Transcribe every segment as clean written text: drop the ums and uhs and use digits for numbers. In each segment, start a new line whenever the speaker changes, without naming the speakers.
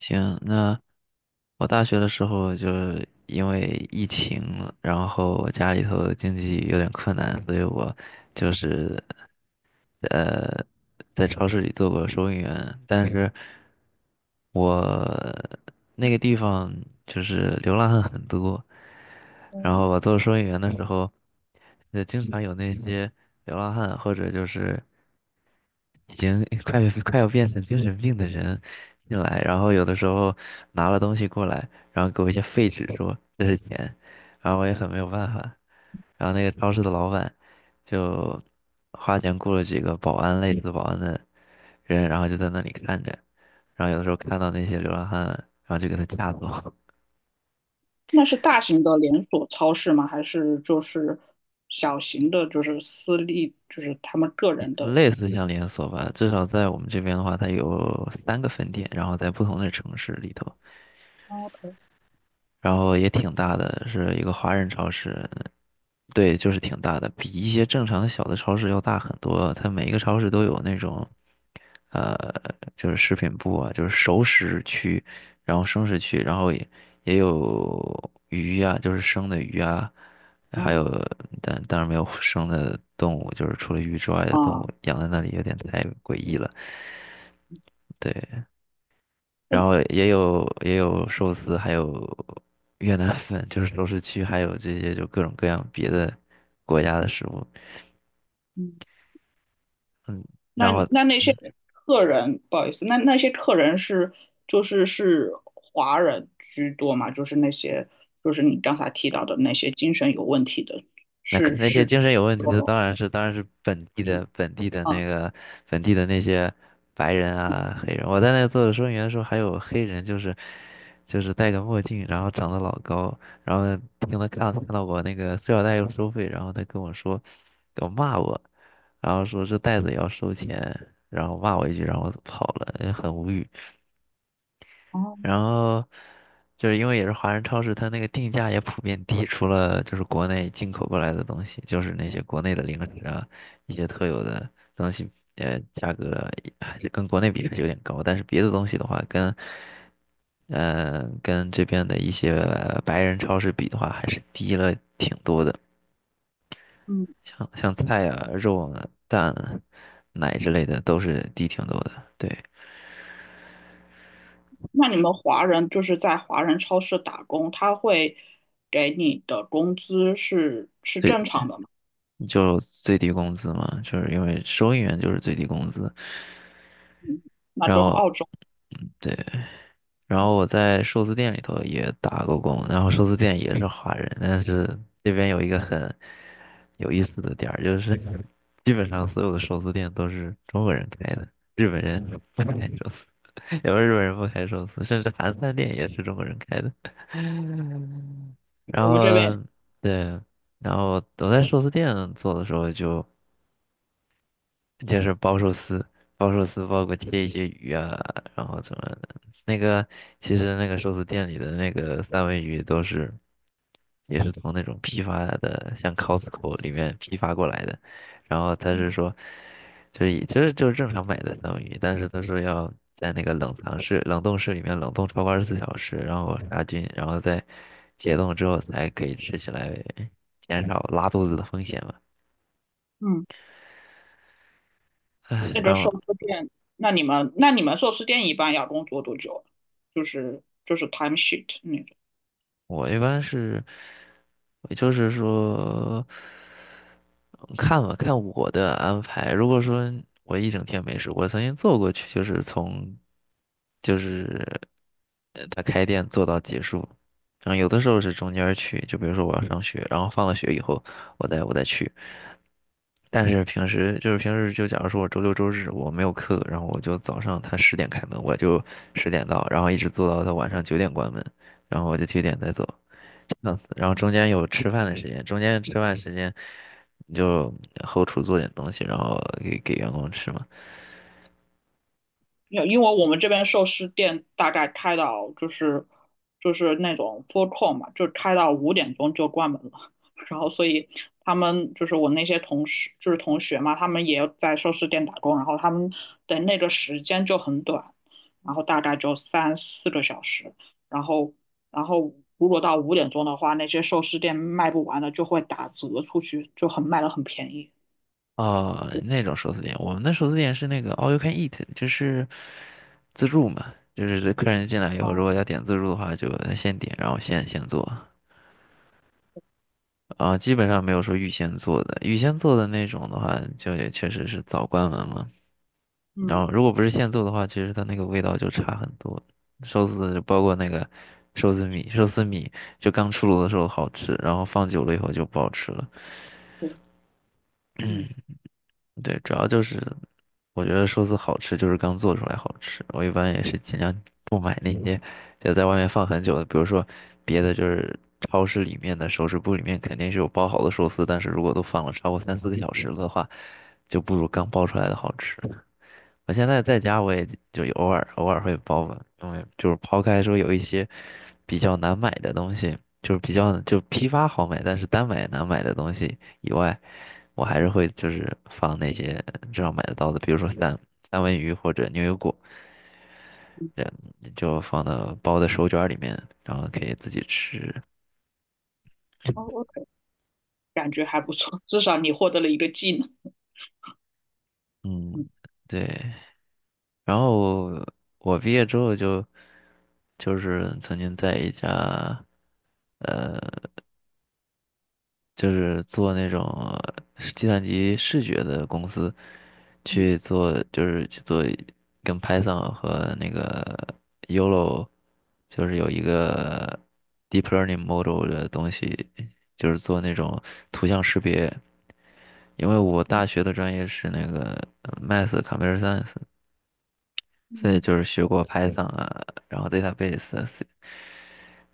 行，那我大学的时候就因为疫情，然后我家里头经济有点困难，所以我就是呃在超市里做过收银员，但是我那个地方就是流浪汉很多，然
哦，
后我做收银员的时候，经常有那些流浪汉或者就是。已经 快要变成精神病的人进来，然后有的时候拿了东西过来，然后给我一些废纸说这是钱，然后我也很没有办法。然后那个超市的老板就花钱雇了几个保安类似保安的人，然后就在那里看着，然后有的时候看到那些流浪汉，然后就给他架走。
那是大型的连锁超市吗？还是就是小型的，就是私立，就是他们个
也
人的？
类似像连锁吧，至少在我们这边的话，它有三个分店，然后在不同的城市里头。
哦，
然后也挺大的，是一个华人超市，对，就是挺大的，比一些正常的小的超市要大很多。它每一个超市都有那种，呃，就是食品部啊，就是熟食区，然后生食区，然后也有鱼呀、就是生的鱼啊，还有
嗯
但当然没有生的动物，就是除了鱼之外的动
啊，
物养在那里有点太诡异了。对，然后也有寿司，还有越南粉，就是熟食区，还有这些就各种各样别的国家的食物。
嗯，
嗯，
那
然后
你那些
嗯，
客人，不好意思，那些客人是就是是华人居多嘛？就是那些就是你刚才提到的那些精神有问题的，
那可
是
那些
是，
精神有问题的当然是本地的那
嗯。
个本地的那些白人啊黑人。我在那个做收银员的时候，还有黑人，就是戴个墨镜，然后长得老高，然后呢听他看到我那个塑料袋要收费，然后他跟我说，给我骂我，然后说这袋子也要收钱，然后骂我一句，然后我跑了，很无语。
哦，
然后就是因为也是华人超市，它那个定价也普遍低，除了就是国内进口过来的东西，就是那些国内的零食啊，一些特有的东西，价格还是跟国内比还是有点高，但是别的东西的话，跟跟这边的一些白人超市比的话，还是低了挺多的，像菜啊、肉啊、蛋啊、奶之类的都是低挺多的，对。
那你们华人就是在华人超市打工，他会给你的工资是正常的吗？
就最低工资嘛，就是因为收银员就是最低工资，
那
然
跟
后，
澳洲
嗯，对，然后我在寿司店里头也打过工，然后寿司店也是华人，但是这边有一个很有意思的点儿，就是基本上所有的寿司店都是中国人开的，日本人不开寿司，有日本人不开寿司，甚至韩餐店也是中国人开的，然
我
后，
们这边。
对，然后我在寿司店做的时候就。就是包寿司，包寿司包括切一些鱼啊，然后怎么的。那个其实那个寿司店里的那个三文鱼都是也是从那种批发的，像 Costco 里面批发过来的。然后他是说，就是以就是就是正常买的三文鱼，但是他说要在那个冷藏室、冷冻室里面冷冻超过二十四小时，然后杀菌，然后再解冻之后才可以吃起来，减少拉肚子的风险嘛。
嗯。
唉，
那个
然
寿
后
司店，那你们寿司店一般要工作多久啊？就是就是 time sheet。嗯。
我一般是，也就是说，嗯看吧，看我的安排。如果说我一整天没事，我曾经做过去，就是从，就是他开店做到结束。然后有的时候是中间儿去，就比如说我要上学，然后放了学以后，我再去。但是平时就假如说我周六周日我没有课，然后我就早上他十点开门，我就十点到，然后一直做到他晚上九点关门。然后我就去点再走，嗯，然后中间有吃饭的时间，中间吃饭时间你就后厨做点东西，然后给员工吃嘛。
因为我们这边寿司店大概开到就是就是那种 full call 嘛，就开到五点钟就关门了。然后所以他们就是我那些同事就是同学嘛，他们也在寿司店打工，然后他们的那个时间就很短，然后大概就三四个小时。然后然后如果到五点钟的话，那些寿司店卖不完的就会打折出去，就很卖的很便宜。
哦，那种寿司店，我们的寿司店是那个 all you can eat，就是自助嘛，就是客人进来以后，
哦，
如果要点自助的话，就先点，然后现做。啊、基本上没有说预先做的，预先做的那种的话，就也确实是早关门了。然
嗯，
后如果不是现做的话，其实它那个味道就差很多。寿司包括那个寿司米，寿司米就刚出炉的时候好吃，然后放久了以后就不好吃了。
对，嗯。
嗯，对，主要就是我觉得寿司好吃就是刚做出来好吃。我一般也是尽量不买那些就在外面放很久的，比如说别的就是超市里面的熟食部里面肯定是有包好的寿司，但是如果都放了超过三四个小时的话，就不如刚包出来的好吃。我现在在家，我也就偶尔会包吧，因为就是抛开说有一些比较难买的东西，就是比较就批发好买，但是单买难买的东西以外，我还是会就是放那些至少买得到的，比如说三文鱼或者牛油果，嗯，就放到包的手卷儿里面，然后可以自己吃。
哦，我感觉还不错，至少你获得了一个技能。
嗯，对。然后我毕业之后就就是曾经在一家。就是做那种计算机视觉的公司，
嗯
去做去做跟 Python 和那个 YOLO，就是有一个 deep learning model 的东西，就是做那种图像识别。因为我大
嗯
学的专业是那个Math Computer Science，所以
嗯
就是学过 Python 啊，然后 database 啊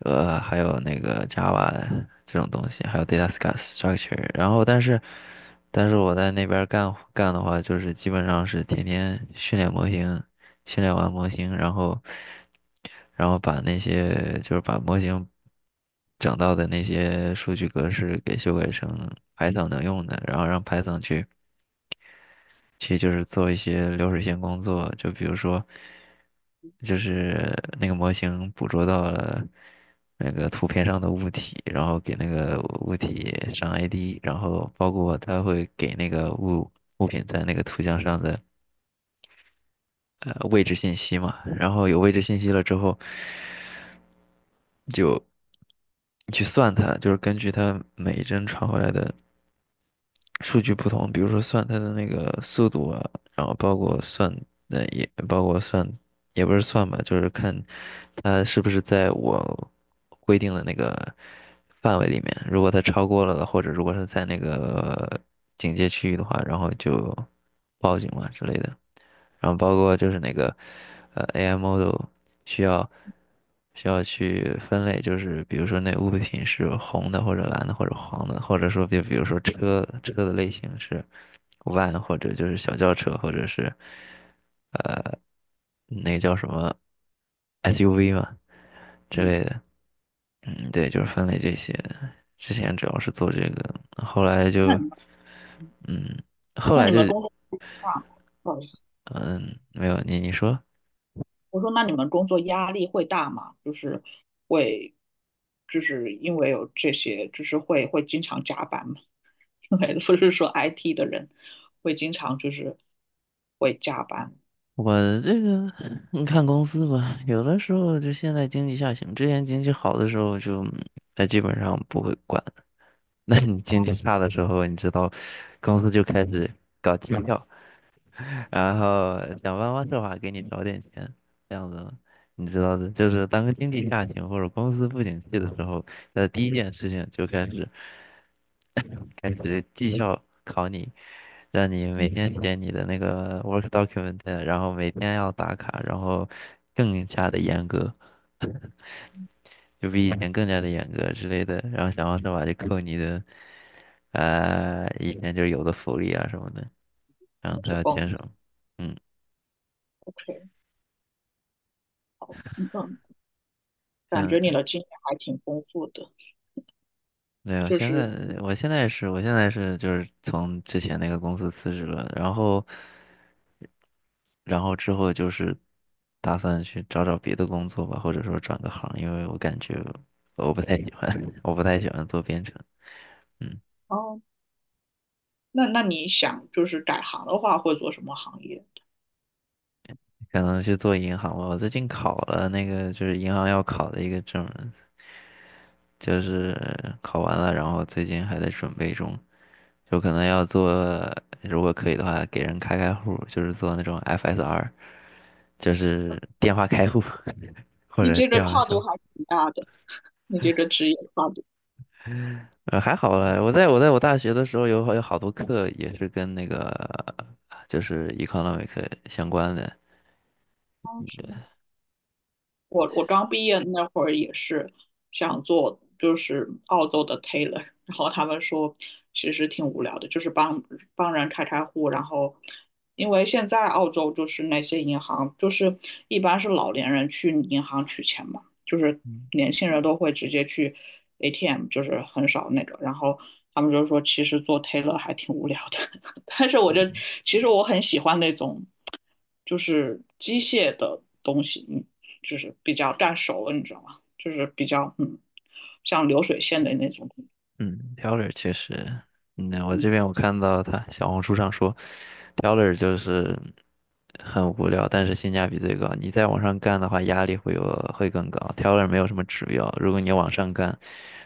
还有那个 Java 这种东西，还有 data s t r u c t u r e 然后但是，但是我在那边儿干的话，就是基本上是天天训练模型，训练完模型，然后，然后把那些就是把模型整到的那些数据格式给修改成 Python 能用的，然后让 Python 去。其实就是做一些流水线工作，就比如说，就是那个模型捕捉到了那个图片上的物体，然后给那个物体上 ID，然后包括它会给那个物品在那个图像上的位置信息嘛，然后有位置信息了之后，就去算它，就是根据它每一帧传回来的。数据不同，比如说算它的那个速度啊，然后包括算，也包括算，也不是算吧，就是看它是不是在我规定的那个范围里面。如果它超过了，或者如果是在那个警戒区域的话，然后就报警嘛之类的。然后包括就是那个AI model 需要需要去分类，就是比如说那物品是红的或者蓝的或者黄的，或者说比如说车的类型是 van 或者就是小轿车或者是呃那叫什么 SUV 嘛之
嗯
类的，嗯，对，就是分类这些。之前主要是做这个，后来
嗯。那
就
你们
嗯，后
那
来
你
就
们工作大吗？不好意思。
嗯没有你你说。
我说那你们工作压力会大吗？就是会，就是因为有这些，就是会经常加班吗？因为不是说 IT 的人会经常就是会加班。
我这个你看公司吧，有的时候就现在经济下行，之前经济好的时候就它基本上不会管，那你经济差的时候，你知道，公司就开始搞绩效，然后想办法设法给你找点钱，这样子嘛你知道的，就是当经济下行或者公司不景气的时候，那第一件事情就开始 开始绩效考你，让你每天写你的那个 work document，然后每天要打卡，然后更加的严格，就比以前更加的严格之类的，然后想方设法就扣你的，以前就是有的福利啊什么的，然后
那
他
是
要
工
减少。嗯，
OK,嗯嗯，感觉你
嗯，
的经验还挺丰富的，
对，我
就
现在
是。
我现在是我现在是就是从之前那个公司辞职了，然后然后之后就是打算去找找别的工作吧，或者说转个行，因为我感觉我不太喜欢，我不太喜欢做编程。嗯，
哦，那那你想就是改行的话，会做什么行业？
可能去做银行吧。我最近考了那个就是银行要考的一个证，就是考完了，然后最近还在准备中。有可能要做，如果可以的话，给人开开户，就是做那种 FSR，就是电话开户 或
你
者
这个
电话
跨度
销。
还挺大的，你这个职业跨度。
还好了，我大学的时候有好多课也是跟那个就是 economic 相关的。
哦是吗，我刚毕业那会儿也是想做，就是澳洲的 tailor。然后他们说其实挺无聊的，就是帮人开开户，然后因为现在澳洲就是那些银行，就是一般是老年人去银行取钱嘛，就是年轻人都会直接去 ATM,就是很少那个，然后他们就说其实做 tailor 还挺无聊的。但是我就其实我很喜欢那种就是机械的东西，嗯就是比较干熟了，你知道吗？就是比较，嗯，像流水线的那种。
嗯，Teller 确实。嗯，我这
嗯，
边我看到他小红书上说，Teller 就是很无聊，但是性价比最高。你再往上干的话，压力会会更高。Teller 没有什么指标，如果你往上干，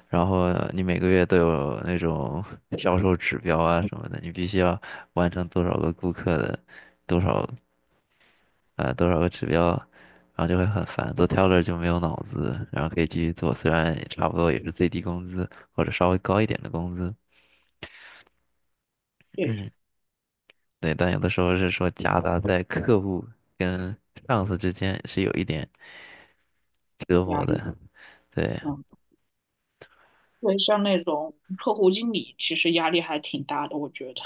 然后你每个月都有那种 销售指标啊什么的，你必须要完成多少个顾客的多少多少个指标，然后就会很烦。做 Teller 就没有脑子，然后可以继续做，虽然也差不多也是最低工资或者稍微高一点的工资。
对，
嗯，对，但有的时候是说夹杂在客户跟上司之间是有一点折
压
磨
力，
的。对，
嗯，对，像那种客户经理，其实压力还挺大的，我觉得。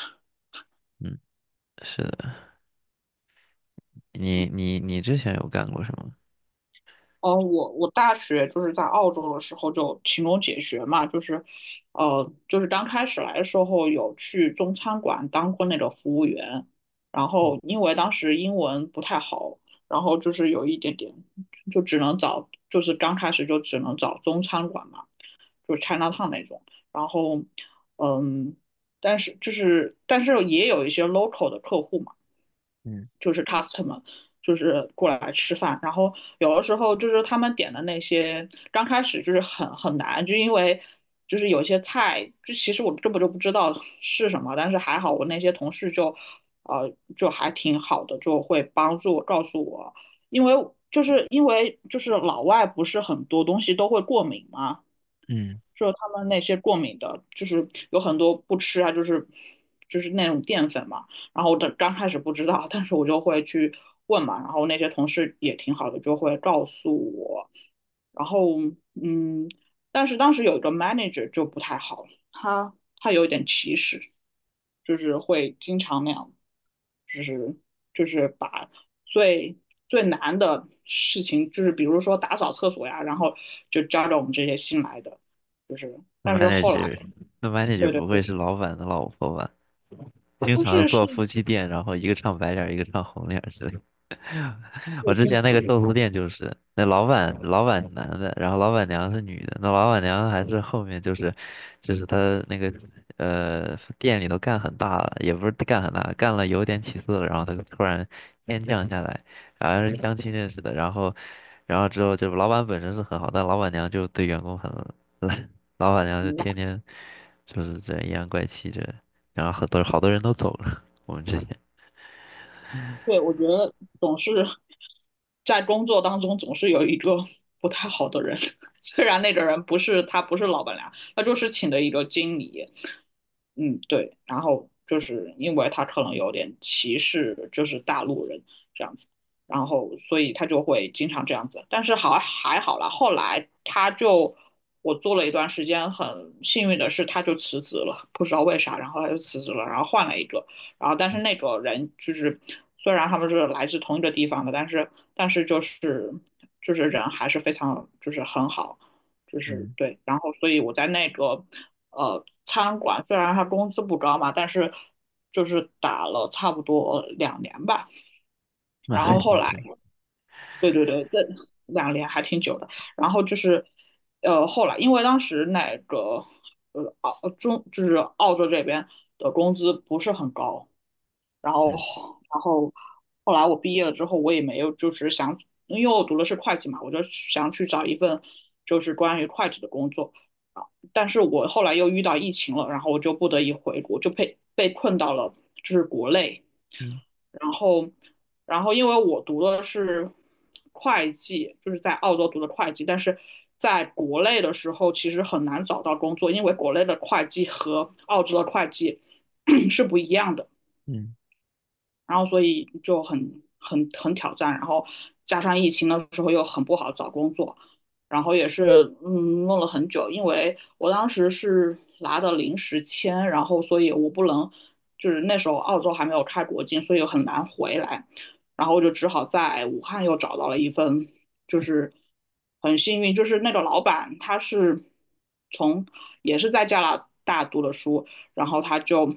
嗯，是的。你
嗯，
你你之前有干过什么？
哦，我大学就是在澳洲的时候就勤工俭学嘛，就是，就是刚开始来的时候有去中餐馆当过那个服务员，然
嗯
后因为当时英文不太好。然后就是有一点点，就只能找，就是刚开始就只能找中餐馆嘛。就是 Chinatown 那种。然后，嗯，但是就是但是也有一些 local 的客户嘛，
嗯
就是 customer,就是过来吃饭。然后有的时候就是他们点的那些，刚开始就是很难，就因为就是有些菜，就其实我根本就不知道是什么，但是还好我那些同事就，呃，就还挺好的，就会帮助我告诉我。因为。就是因为就是老外不是很多东西都会过敏嘛，
嗯，
就是他们那些过敏的，就是有很多不吃啊，就是就是那种淀粉嘛。然后我的刚开始不知道，但是我就会去问嘛。然后那些同事也挺好的，就会告诉我。然后嗯，但是当时有一个 manager 就不太好，他有一点歧视，就是会经常那样，就是就是把最最难的事情，就是比如说打扫厕所呀，然后就交给我们这些新来的。就是，
那
但是后来，
manager，那 manager
对对
不
对，
会是老板的老婆吧？经
但
常
是是
做夫妻店，然后一个唱白脸儿一个唱红脸儿之类我
真
之前那
的
个寿司店就是，那老板是男的，然后老板娘是女的，那老板娘还是后面就是，就是她那个店里头干很大了，也不是干很大，干了有点起色了，然后她突然天降下来，好像是相亲认识的，然后然后之后就老板本身是很好，但老板娘就对员工很烂，老板娘
很
就
慢。
天天就是这样阴阳怪气这，然后好多人都走了，我们之前，
对，我觉得总是在工作当中总是有一个不太好的人。虽然那个人不是他不是老板娘，他就是请的一个经理，嗯，对，然后就是因为他可能有点歧视，就是大陆人这样子，然后所以他就会经常这样子，但是好还好啦，后来我做了一段时间，很幸运的是他就辞职了，不知道为啥，然后他就辞职了，然后换了一个。然后但是那个人就是虽然他们是来自同一个地方的，但是就是就是人还是非常就是很好。就是
嗯
对，然后所以我在那个餐馆，虽然他工资不高嘛，但是就是打了差不多两年吧。
那
然
还
后后
挺
来
久。
两年还挺久的。然后就是，后来因为当时那个澳中就是澳洲这边的工资不是很高，然后
嗯
然后后来我毕业了之后，我也没有就是想，因为我读的是会计嘛，我就想去找一份就是关于会计的工作。啊，但是我后来又遇到疫情了，然后我就不得已回国，就被困到了就是国内。
嗯
然后，然后因为我读的是会计，就是在澳洲读的会计，但是在国内的时候其实很难找到工作，因为国内的会计和澳洲的会计 是不一样的。
嗯
然后所以就很挑战，然后加上疫情的时候又很不好找工作，然后也是嗯弄了很久，因为我当时是拿的临时签，然后所以我不能就是那时候澳洲还没有开国境，所以很难回来，然后我就只好在武汉又找到了一份，就是很幸运，就是那个老板他是从也是在加拿大读的书，然后他就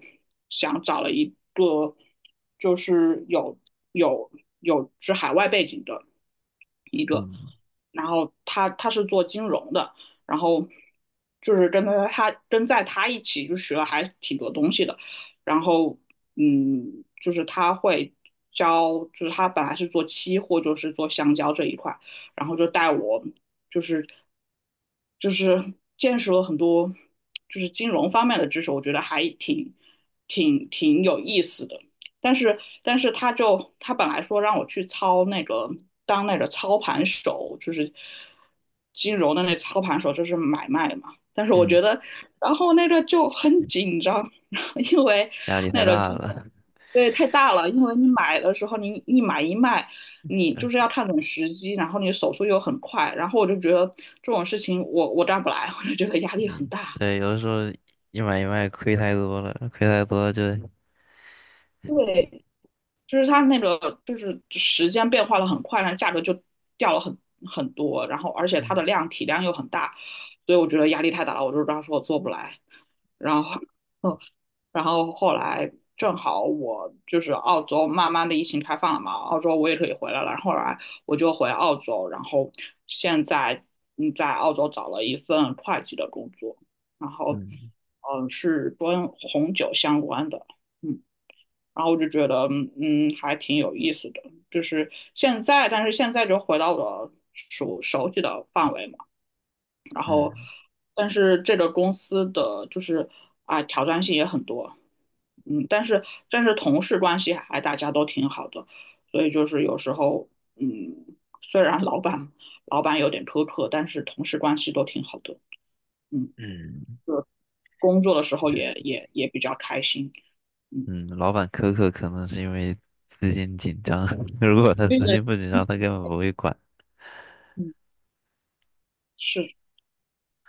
想找了一个就是有有是海外背景的。
嗯，
然后他是做金融的，然后就是跟他跟在他一起就学了还挺多东西的，然后嗯，就是他会教，就是他本来是做期货，就是做香蕉这一块，然后就带我就是就是见识了很多就是金融方面的知识，我觉得还挺有意思的。但是他就他本来说让我去操那个当那个操盘手，就是金融的那操盘手，就是买卖嘛。但是我
嗯，
觉得，然后那个就很紧张。因为
压力太
那个
大
金融
了。
对太大了，因为你买的时候你一买一卖。你就
嗯，
是要看准时机，然后你手速又很快，然后我就觉得这种事情我干不来，我就觉得压力很
嗯
大。
对，有的时候一买一卖亏太多了，亏太多就，
对，就是它那个就是时间变化的很快，然后价格就掉了很多，然后而且它
嗯
的量体量又很大，所以我觉得压力太大了，我就当时我做不来。然后，嗯，然后后来正好我就是澳洲慢慢的疫情开放了嘛，澳洲我也可以回来了，然后后来我就回澳洲，然后现在嗯在澳洲找了一份会计的工作，然后
嗯
嗯是跟红酒相关的。嗯。然后我就觉得，嗯，嗯还挺有意思的。就是现在，但是现在就回到了熟悉的范围嘛。然后，
嗯
但是这个公司的就是啊，挑战性也很多。嗯，但是同事关系还大家都挺好的，所以就是有时候，嗯，虽然老板有点苛刻，但是同事关系都挺好的。嗯，
嗯
工作的时候也比较开心。嗯，
嗯，老板苛刻可能是因为资金紧张，如果他
并
资
且
金不紧张，他根本不会管。
嗯，是。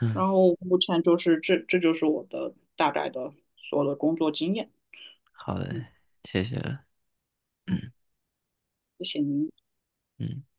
嗯，
然后目前就是这，这就是我的大概的所有的工作经验。
好
嗯
的，谢谢了。
嗯，
嗯
谢谢您。
嗯。